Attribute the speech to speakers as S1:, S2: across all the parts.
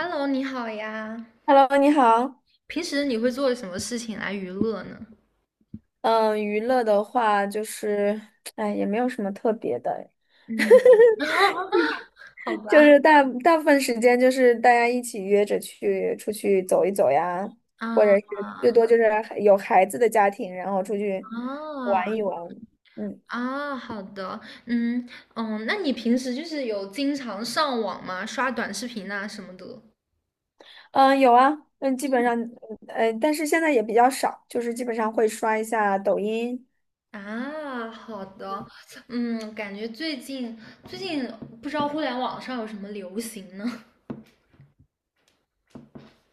S1: Hello，你好呀。
S2: Hello，你好。
S1: 平时你会做什么事情来娱乐呢？
S2: 嗯，娱乐的话就是，哎，也没有什么特别的，
S1: 嗯，好
S2: 就
S1: 吧。
S2: 是大部分时间就是大家一起约着去出去走一走呀，或者
S1: 啊
S2: 是最多就是有孩子的家庭，然后出去
S1: 啊
S2: 玩一玩。嗯
S1: 啊，好的。嗯嗯，那你平时就是有经常上网吗？刷短视频啊什么的？
S2: 嗯，有啊，嗯，基本上，哎但是现在也比较少，就是基本上会刷一下抖音。
S1: 啊，好的。嗯，感觉最近不知道互联网上有什么流行呢？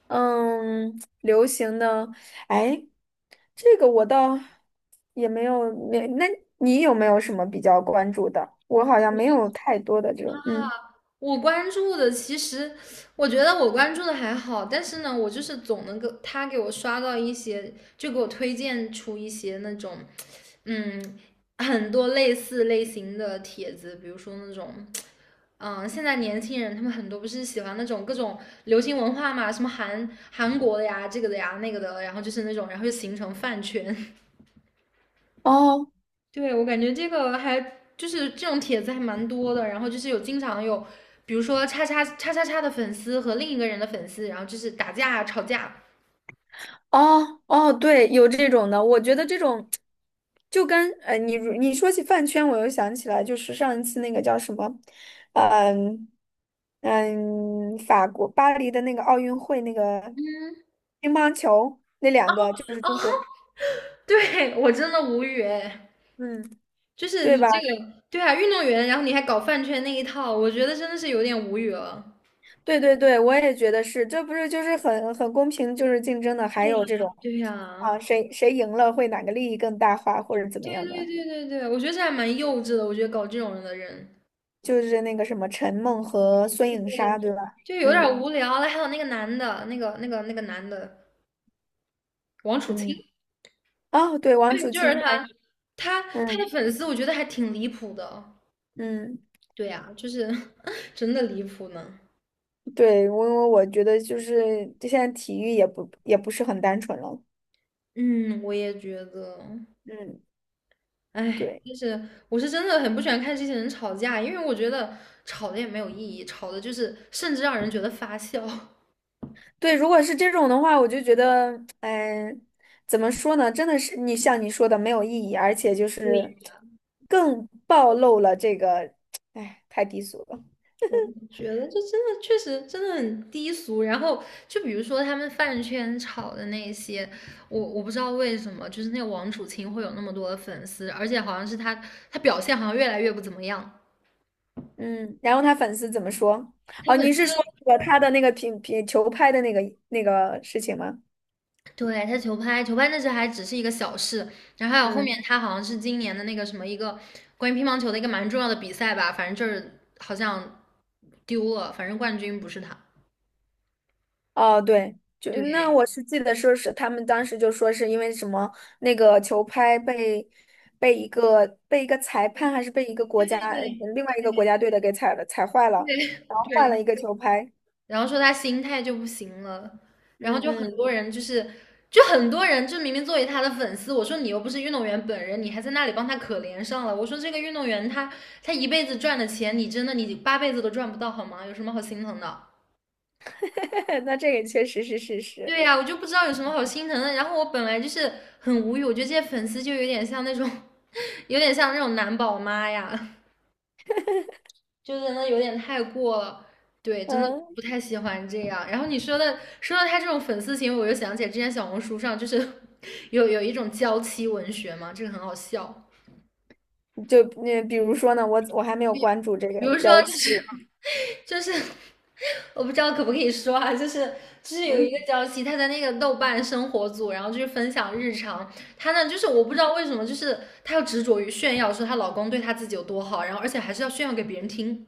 S2: 嗯，流行的，哎，这个我倒也没有，没，那你有没有什么比较关注的？我好像没有太多的这种，嗯。
S1: 我关注的其实，我觉得我关注的还好，但是呢，我就是总能够他给我刷到一些，就给我推荐出一些那种，嗯，很多类似类型的帖子，比如说那种，嗯，现在年轻人他们很多不是喜欢那种各种流行文化嘛，什么韩国的呀，这个的呀，那个的，然后就是那种，然后就形成饭圈。
S2: 哦，
S1: 对，我感觉这个还就是这种帖子还蛮多的，然后就是有经常有，比如说叉叉叉叉叉的粉丝和另一个人的粉丝，然后就是打架啊吵架。
S2: 哦，哦，对，有这种的，我觉得这种就跟你你说起饭圈，我又想起来，就是上一次那个叫什么。嗯嗯，法国巴黎的那个奥运会那个
S1: 嗯
S2: 乒乓球，那两个就是
S1: 哦，
S2: 中国的。
S1: 对，我真的无语哎，
S2: 嗯，
S1: 就是
S2: 对
S1: 你
S2: 吧？
S1: 这个，对啊，运动员，然后你还搞饭圈那一套，我觉得真的是有点无语了。
S2: 对对对，我也觉得是，这不是就是很公平，就是竞争的，还
S1: 对
S2: 有这
S1: 呀，
S2: 种
S1: 对
S2: 啊，
S1: 呀，
S2: 谁赢了会哪个利益更大化或者怎么
S1: 对
S2: 样
S1: 对
S2: 的，
S1: 对对对，我觉得这还蛮幼稚的，我觉得搞这种人的人
S2: 就是那个什么陈梦和孙
S1: 对
S2: 颖莎，对吧？
S1: 就有
S2: 嗯
S1: 点无聊了。还有那个男的，那个男的王楚钦，
S2: 嗯，哦，对，王
S1: 对，
S2: 楚
S1: 就是
S2: 钦还。
S1: 他，他的
S2: 嗯
S1: 粉丝我觉得还挺离谱的。
S2: 嗯，
S1: 对呀，就是 真的离谱呢。
S2: 对，我觉得就是现在体育也不是很单纯了。
S1: 嗯，我也觉得，
S2: 嗯。
S1: 哎，
S2: 对。
S1: 就是我是真的很不喜欢看这些人吵架，因为我觉得吵的也没有意义，吵的就是甚至让人觉得发笑。
S2: 对，如果是这种的话，我就觉得，哎，怎么说呢？真的是你像你说的没有意义，而且就
S1: 对，
S2: 是更暴露了这个，哎，太低俗了。
S1: 我觉得这真的确实真的很低俗。然后就比如说他们饭圈吵的那些，我不知道为什么，就是那个王楚钦会有那么多的粉丝，而且好像是他他表现好像越来越不怎么样。
S2: 嗯，然后他粉丝怎么说？
S1: 他
S2: 哦，你
S1: 粉丝
S2: 是说那个他的那个球拍的那个那个事情吗？
S1: 对他球拍，球拍那时还只是一个小事，然后还有后
S2: 嗯。
S1: 面他好像是今年的那个什么一个关于乒乓球的一个蛮重要的比赛吧，反正就是好像丢了，反正冠军不是他。
S2: 哦，对，就那
S1: 对
S2: 我是记得说是他们当时就说是因为什么那个球拍被一个裁判还是被一个
S1: 对
S2: 国家
S1: 对
S2: 另外一个国家队的给踩坏了，
S1: 对
S2: 然后换
S1: 对，
S2: 了一个球拍。
S1: 然后说他心态就不行了，然后
S2: 嗯
S1: 就很
S2: 嗯，
S1: 多人就是。就很多人就明明作为他的粉丝，我说你又不是运动员本人，你还在那里帮他可怜上了。我说这个运动员他一辈子赚的钱，你真的你八辈子都赚不到好吗？有什么好心疼的？
S2: 那这个确实是事实。
S1: 对呀，我就不知道有什么好心疼的。然后我本来就是很无语，我觉得这些粉丝就有点像那种，有点像那种男宝妈呀，就真的有点太过了。对，真的
S2: 嗯，
S1: 不太喜欢这样。然后你说的说到他这种粉丝行为，我就想起来之前小红书上就是 有一种娇妻文学嘛，这个很好笑。
S2: 就嗯，比如说呢，我还没有关注这
S1: 比
S2: 个
S1: 如说，
S2: 娇
S1: 就
S2: 妻。
S1: 是 就是，我不知道可不可以说啊，就是有一个
S2: 嗯，
S1: 娇妻，她在那个豆瓣生活组，然后就是分享日常。她呢，就是我不知道为什么，就是她要执着于炫耀，说她老公对她自己有多好，然后而且还是要炫耀给别人听。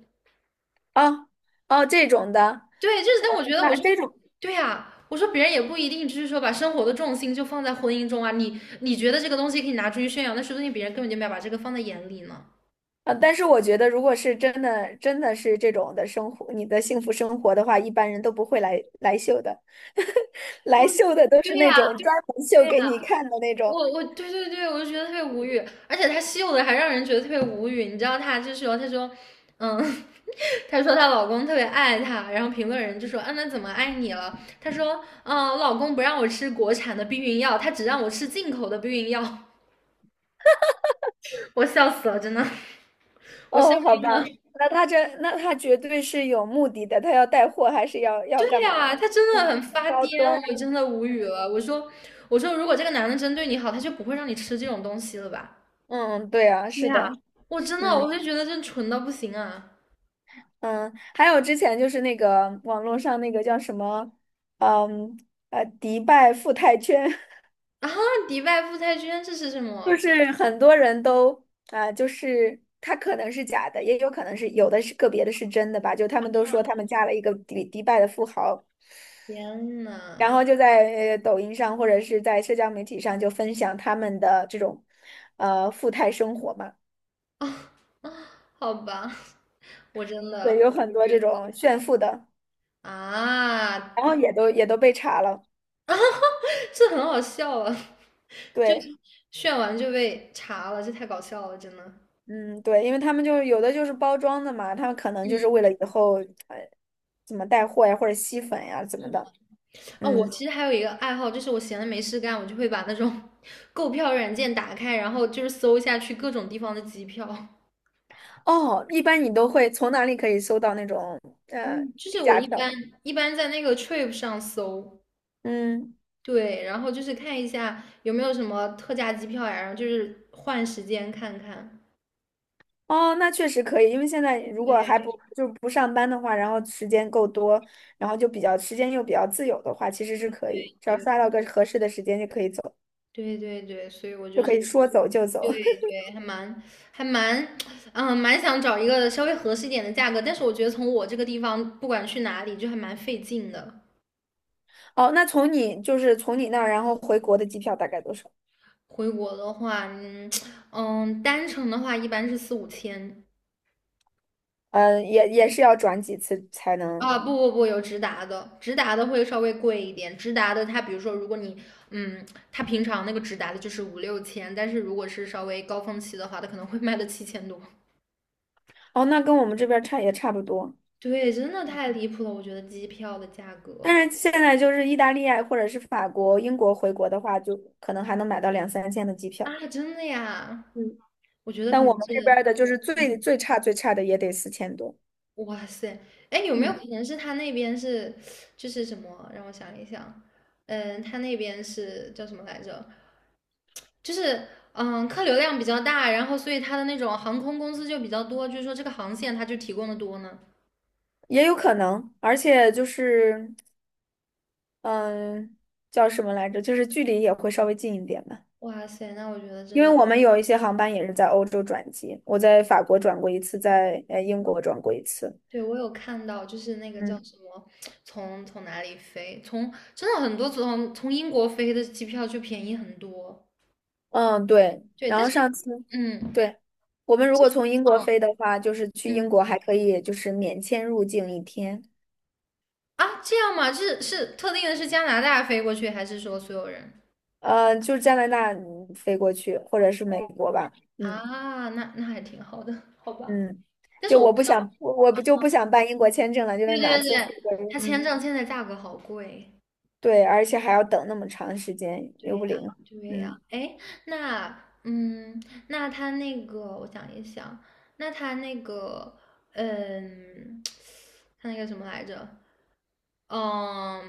S2: 哦哦，这种的，
S1: 对，就是，但我觉得，我
S2: 那
S1: 说，
S2: 这种。
S1: 对呀，我说别人也不一定就是说把生活的重心就放在婚姻中啊。你觉得这个东西可以拿出去炫耀，那说不定别人根本就没有把这个放在眼里呢。
S2: 啊，但是我觉得，如果是真的，真的是这种的生活，你的幸福生活的话，一般人都不会来秀的，来
S1: 我，
S2: 秀的都是
S1: 对呀，
S2: 那种专门
S1: 对
S2: 秀
S1: 呀、
S2: 给你看的那
S1: 我
S2: 种。
S1: 我对对对，我就觉得特别无语，而且他秀的还让人觉得特别无语。你知道他就是说，他说，嗯，他说她老公特别爱她，然后评论人就说，嗯，那怎么爱你了？她说，嗯，我老公不让我吃国产的避孕药，他只让我吃进口的避孕药，我笑死了，真的，我笑
S2: 哦，好
S1: 晕
S2: 吧，
S1: 了。
S2: 那他这，那他绝对是有目的的，他要带货还是要
S1: 对
S2: 要干嘛？要
S1: 呀、他真
S2: 让
S1: 的
S2: 自
S1: 很
S2: 己的
S1: 发癫，
S2: 高端。
S1: 我真的无语
S2: 嗯
S1: 了。我说，我说，如果这个男的真对你好，他就不会让你吃这种东西了吧？
S2: 嗯，嗯对啊，
S1: 对
S2: 是
S1: 呀、
S2: 的。
S1: 我真的，
S2: 嗯
S1: 我就觉得真蠢到不行啊。
S2: 嗯，还有之前就是那个网络上那个叫什么。嗯迪拜富态圈。
S1: 啊，迪拜富太圈这是什
S2: 就
S1: 么？
S2: 是很多人都啊、就是他可能是假的，也有可能是有的是个别的是真的吧。就他们都
S1: 啊
S2: 说他们嫁了一个迪拜的富豪，
S1: 天
S2: 然
S1: 呐，
S2: 后就在抖音上或者是在社交媒体上就分享他们的这种富态生活嘛。
S1: 哦好吧，我真
S2: 对，
S1: 的
S2: 有很
S1: 无
S2: 多
S1: 语
S2: 这
S1: 了
S2: 种炫富的，
S1: 啊！
S2: 然后也都被查了。
S1: 这很好笑啊，就
S2: 对，
S1: 炫完就被查了，这太搞笑了，真的。
S2: 嗯，对，因为他们就有的就是包装的嘛，他们可能就是为了以后呃怎么带货呀或者吸粉呀怎么的。
S1: 啊，我
S2: 嗯。
S1: 其实还有一个爱好，就是我闲的没事干，我就会把那种 购票软件打开，然后就是搜一下去各种地方的机票。
S2: 哦，一般你都会从哪里可以搜到那种呃
S1: 就是
S2: 低
S1: 我
S2: 价
S1: 一
S2: 票？
S1: 般一般在那个 Trip 上搜，
S2: 嗯，
S1: 对，然后就是看一下有没有什么特价机票呀，然后就是换时间看看。
S2: 哦，那确实可以，因为现在如
S1: 对
S2: 果还不
S1: 对
S2: 就不上班的话，然后时间够多，然后就比较时间又比较自由的话，其实是可以，只要刷到
S1: 对
S2: 个合适的时间就可以走，
S1: 对对对，所以我
S2: 就
S1: 就
S2: 可
S1: 是
S2: 以说走就走。
S1: 对 对，还蛮还蛮，嗯，蛮想找一个稍微合适一点的价格，但是我觉得从我这个地方，不管去哪里，就还蛮费劲的。
S2: 哦，那从你就是从你那儿然后回国的机票大概多少？
S1: 回国的话，嗯嗯，单程的话一般是4、5千，
S2: 嗯，也是要转几次才能。
S1: 啊，不不不，有直达的，直达的会稍微贵一点。直达的，它比如说，如果你，嗯，它平常那个直达的就是5、6千，但是如果是稍微高峰期的话，它可能会卖到7000多。
S2: 哦，那跟我们这边儿差也差不多。
S1: 对，真的太离谱了，我觉得机票的价格
S2: 但是现在就是意大利啊，或者是法国、英国回国的话，就可能还能买到两三千的机票。
S1: 啊，真的呀，
S2: 嗯，
S1: 我觉得可
S2: 但
S1: 能
S2: 我们
S1: 是，
S2: 这边儿的就是最差的也得四千多。
S1: 哇塞，哎，有没有
S2: 嗯，
S1: 可能是他那边是，就是什么？让我想一想，嗯，他那边是叫什么来着？就是嗯，客流量比较大，然后所以它的那种航空公司就比较多，就是说这个航线它就提供的多呢。
S2: 也有可能，而且就是嗯，叫什么来着？就是距离也会稍微近一点嘛。
S1: 哇塞，那我觉得
S2: 因
S1: 真
S2: 为
S1: 的，
S2: 我们有一些航班也是在欧洲转机，我在法国转过一次，在英国转过一次。
S1: 对我有看到，就是那个叫
S2: 嗯。
S1: 什么，从哪里飞，从真的很多从英国飞的机票就便宜很多。
S2: 嗯，对。
S1: 对，
S2: 然
S1: 但
S2: 后
S1: 是
S2: 上次，
S1: 嗯
S2: 对，我们如果从英国
S1: 嗯
S2: 飞的话，就是去英
S1: 嗯
S2: 国还可以就是免签入境一天。
S1: 啊，这样吗？是是特定的是加拿大飞过去，还是说所有人？
S2: 就是加拿大嗯飞过去，或者是美国吧。嗯
S1: 啊，那那还挺好的，好吧。
S2: 嗯，
S1: 但是
S2: 就
S1: 我
S2: 我
S1: 不
S2: 不
S1: 知道，
S2: 想，我不就不想办英国签证了，就是
S1: 对
S2: 哪
S1: 对
S2: 次回
S1: 对，
S2: 国。
S1: 他签
S2: 嗯，
S1: 证现在价格好贵。
S2: 对，而且还要等那么长时间，
S1: 对
S2: 又
S1: 呀，
S2: 不灵活。
S1: 对呀，
S2: 嗯。
S1: 哎，那，嗯，那他那个，我想一想，那他那个，嗯，他那个什么来着？嗯，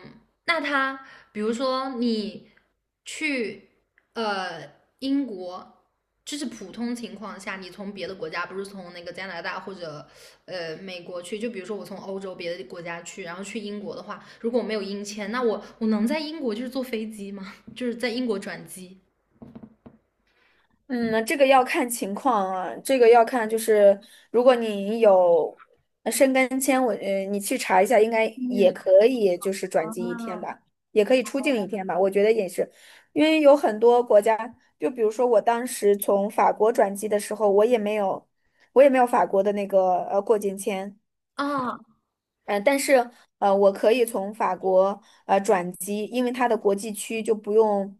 S1: 那他比如说你去呃英国，就是普通情况下，你从别的国家，不是从那个加拿大或者美国去，就比如说我从欧洲别的国家去，然后去英国的话，如果我没有英签，那我能在英国就是坐飞机吗？就是在英国转机？
S2: 嗯，这个要看情况啊，这个要看就是，如果你有申根签，我你去查一下，应该也
S1: 嗯
S2: 可以，就是转机一天吧，
S1: 啊
S2: 也可以出境一天吧，我觉得也是，因为有很多国家，就比如说我当时从法国转机的时候，我也没有，我也没有法国的那个过境签。
S1: 啊
S2: 但是我可以从法国转机，因为它的国际区就不用，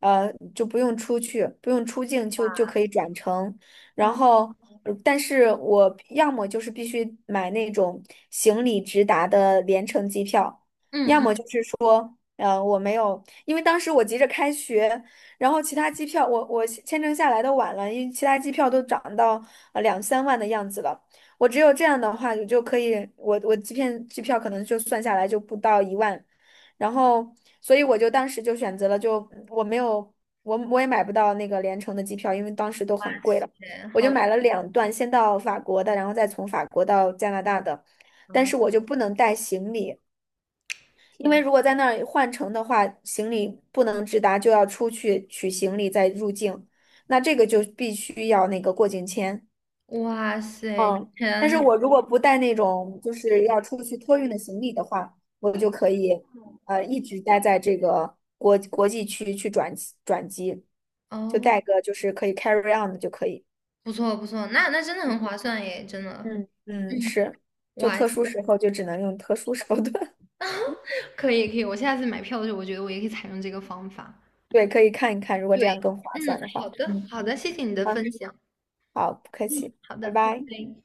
S2: 就不用出去，不用出境就可以转乘。然
S1: 啊！
S2: 后，但是我要么就是必须买那种行李直达的联程机票，
S1: 嗯
S2: 要么
S1: 嗯，
S2: 就是说，我没有，因为当时我急着开学，然后其他机票我签证下来的晚了，因为其他机票都涨到两三万的样子了。我只有这样的话，你就可以，我机票可能就算下来就不到一万，然后，所以我就当时就选择了就，我没有，我也买不到那个联程的机票，因为当时都很贵了，
S1: 对，
S2: 我就
S1: 好
S2: 买
S1: 吧，
S2: 了两段，先到法国的，然后再从法国到加拿大的，但是我
S1: 嗯
S2: 就不能带行李，因为
S1: 天，
S2: 如果在那儿换乘的话，行李不能直达，就要出去取行李再入境，那这个就必须要那个过境签。
S1: 哇塞，
S2: 嗯，但是
S1: 天，
S2: 我如果不带那种就是要出去托运的行李的话，我就可以一直待在这个国际区去转机。就
S1: 哦。
S2: 带个就是可以 carry on 的就可以。
S1: 不错不错，那那真的很划算耶，真的。
S2: 嗯
S1: 嗯，
S2: 嗯，是，就
S1: 哇
S2: 特
S1: 塞
S2: 殊时候就只能用特殊手段。
S1: 可以可以，我下次买票的时候，我觉得我也可以采用这个方法。
S2: 对，可以看一看，如果这
S1: 对，
S2: 样更划
S1: 嗯，
S2: 算的话。
S1: 好的
S2: 嗯，
S1: 好的，谢谢你的
S2: 好，
S1: 分享。
S2: 好，不客
S1: 嗯，
S2: 气，
S1: 好的，
S2: 拜
S1: 拜
S2: 拜。
S1: 拜。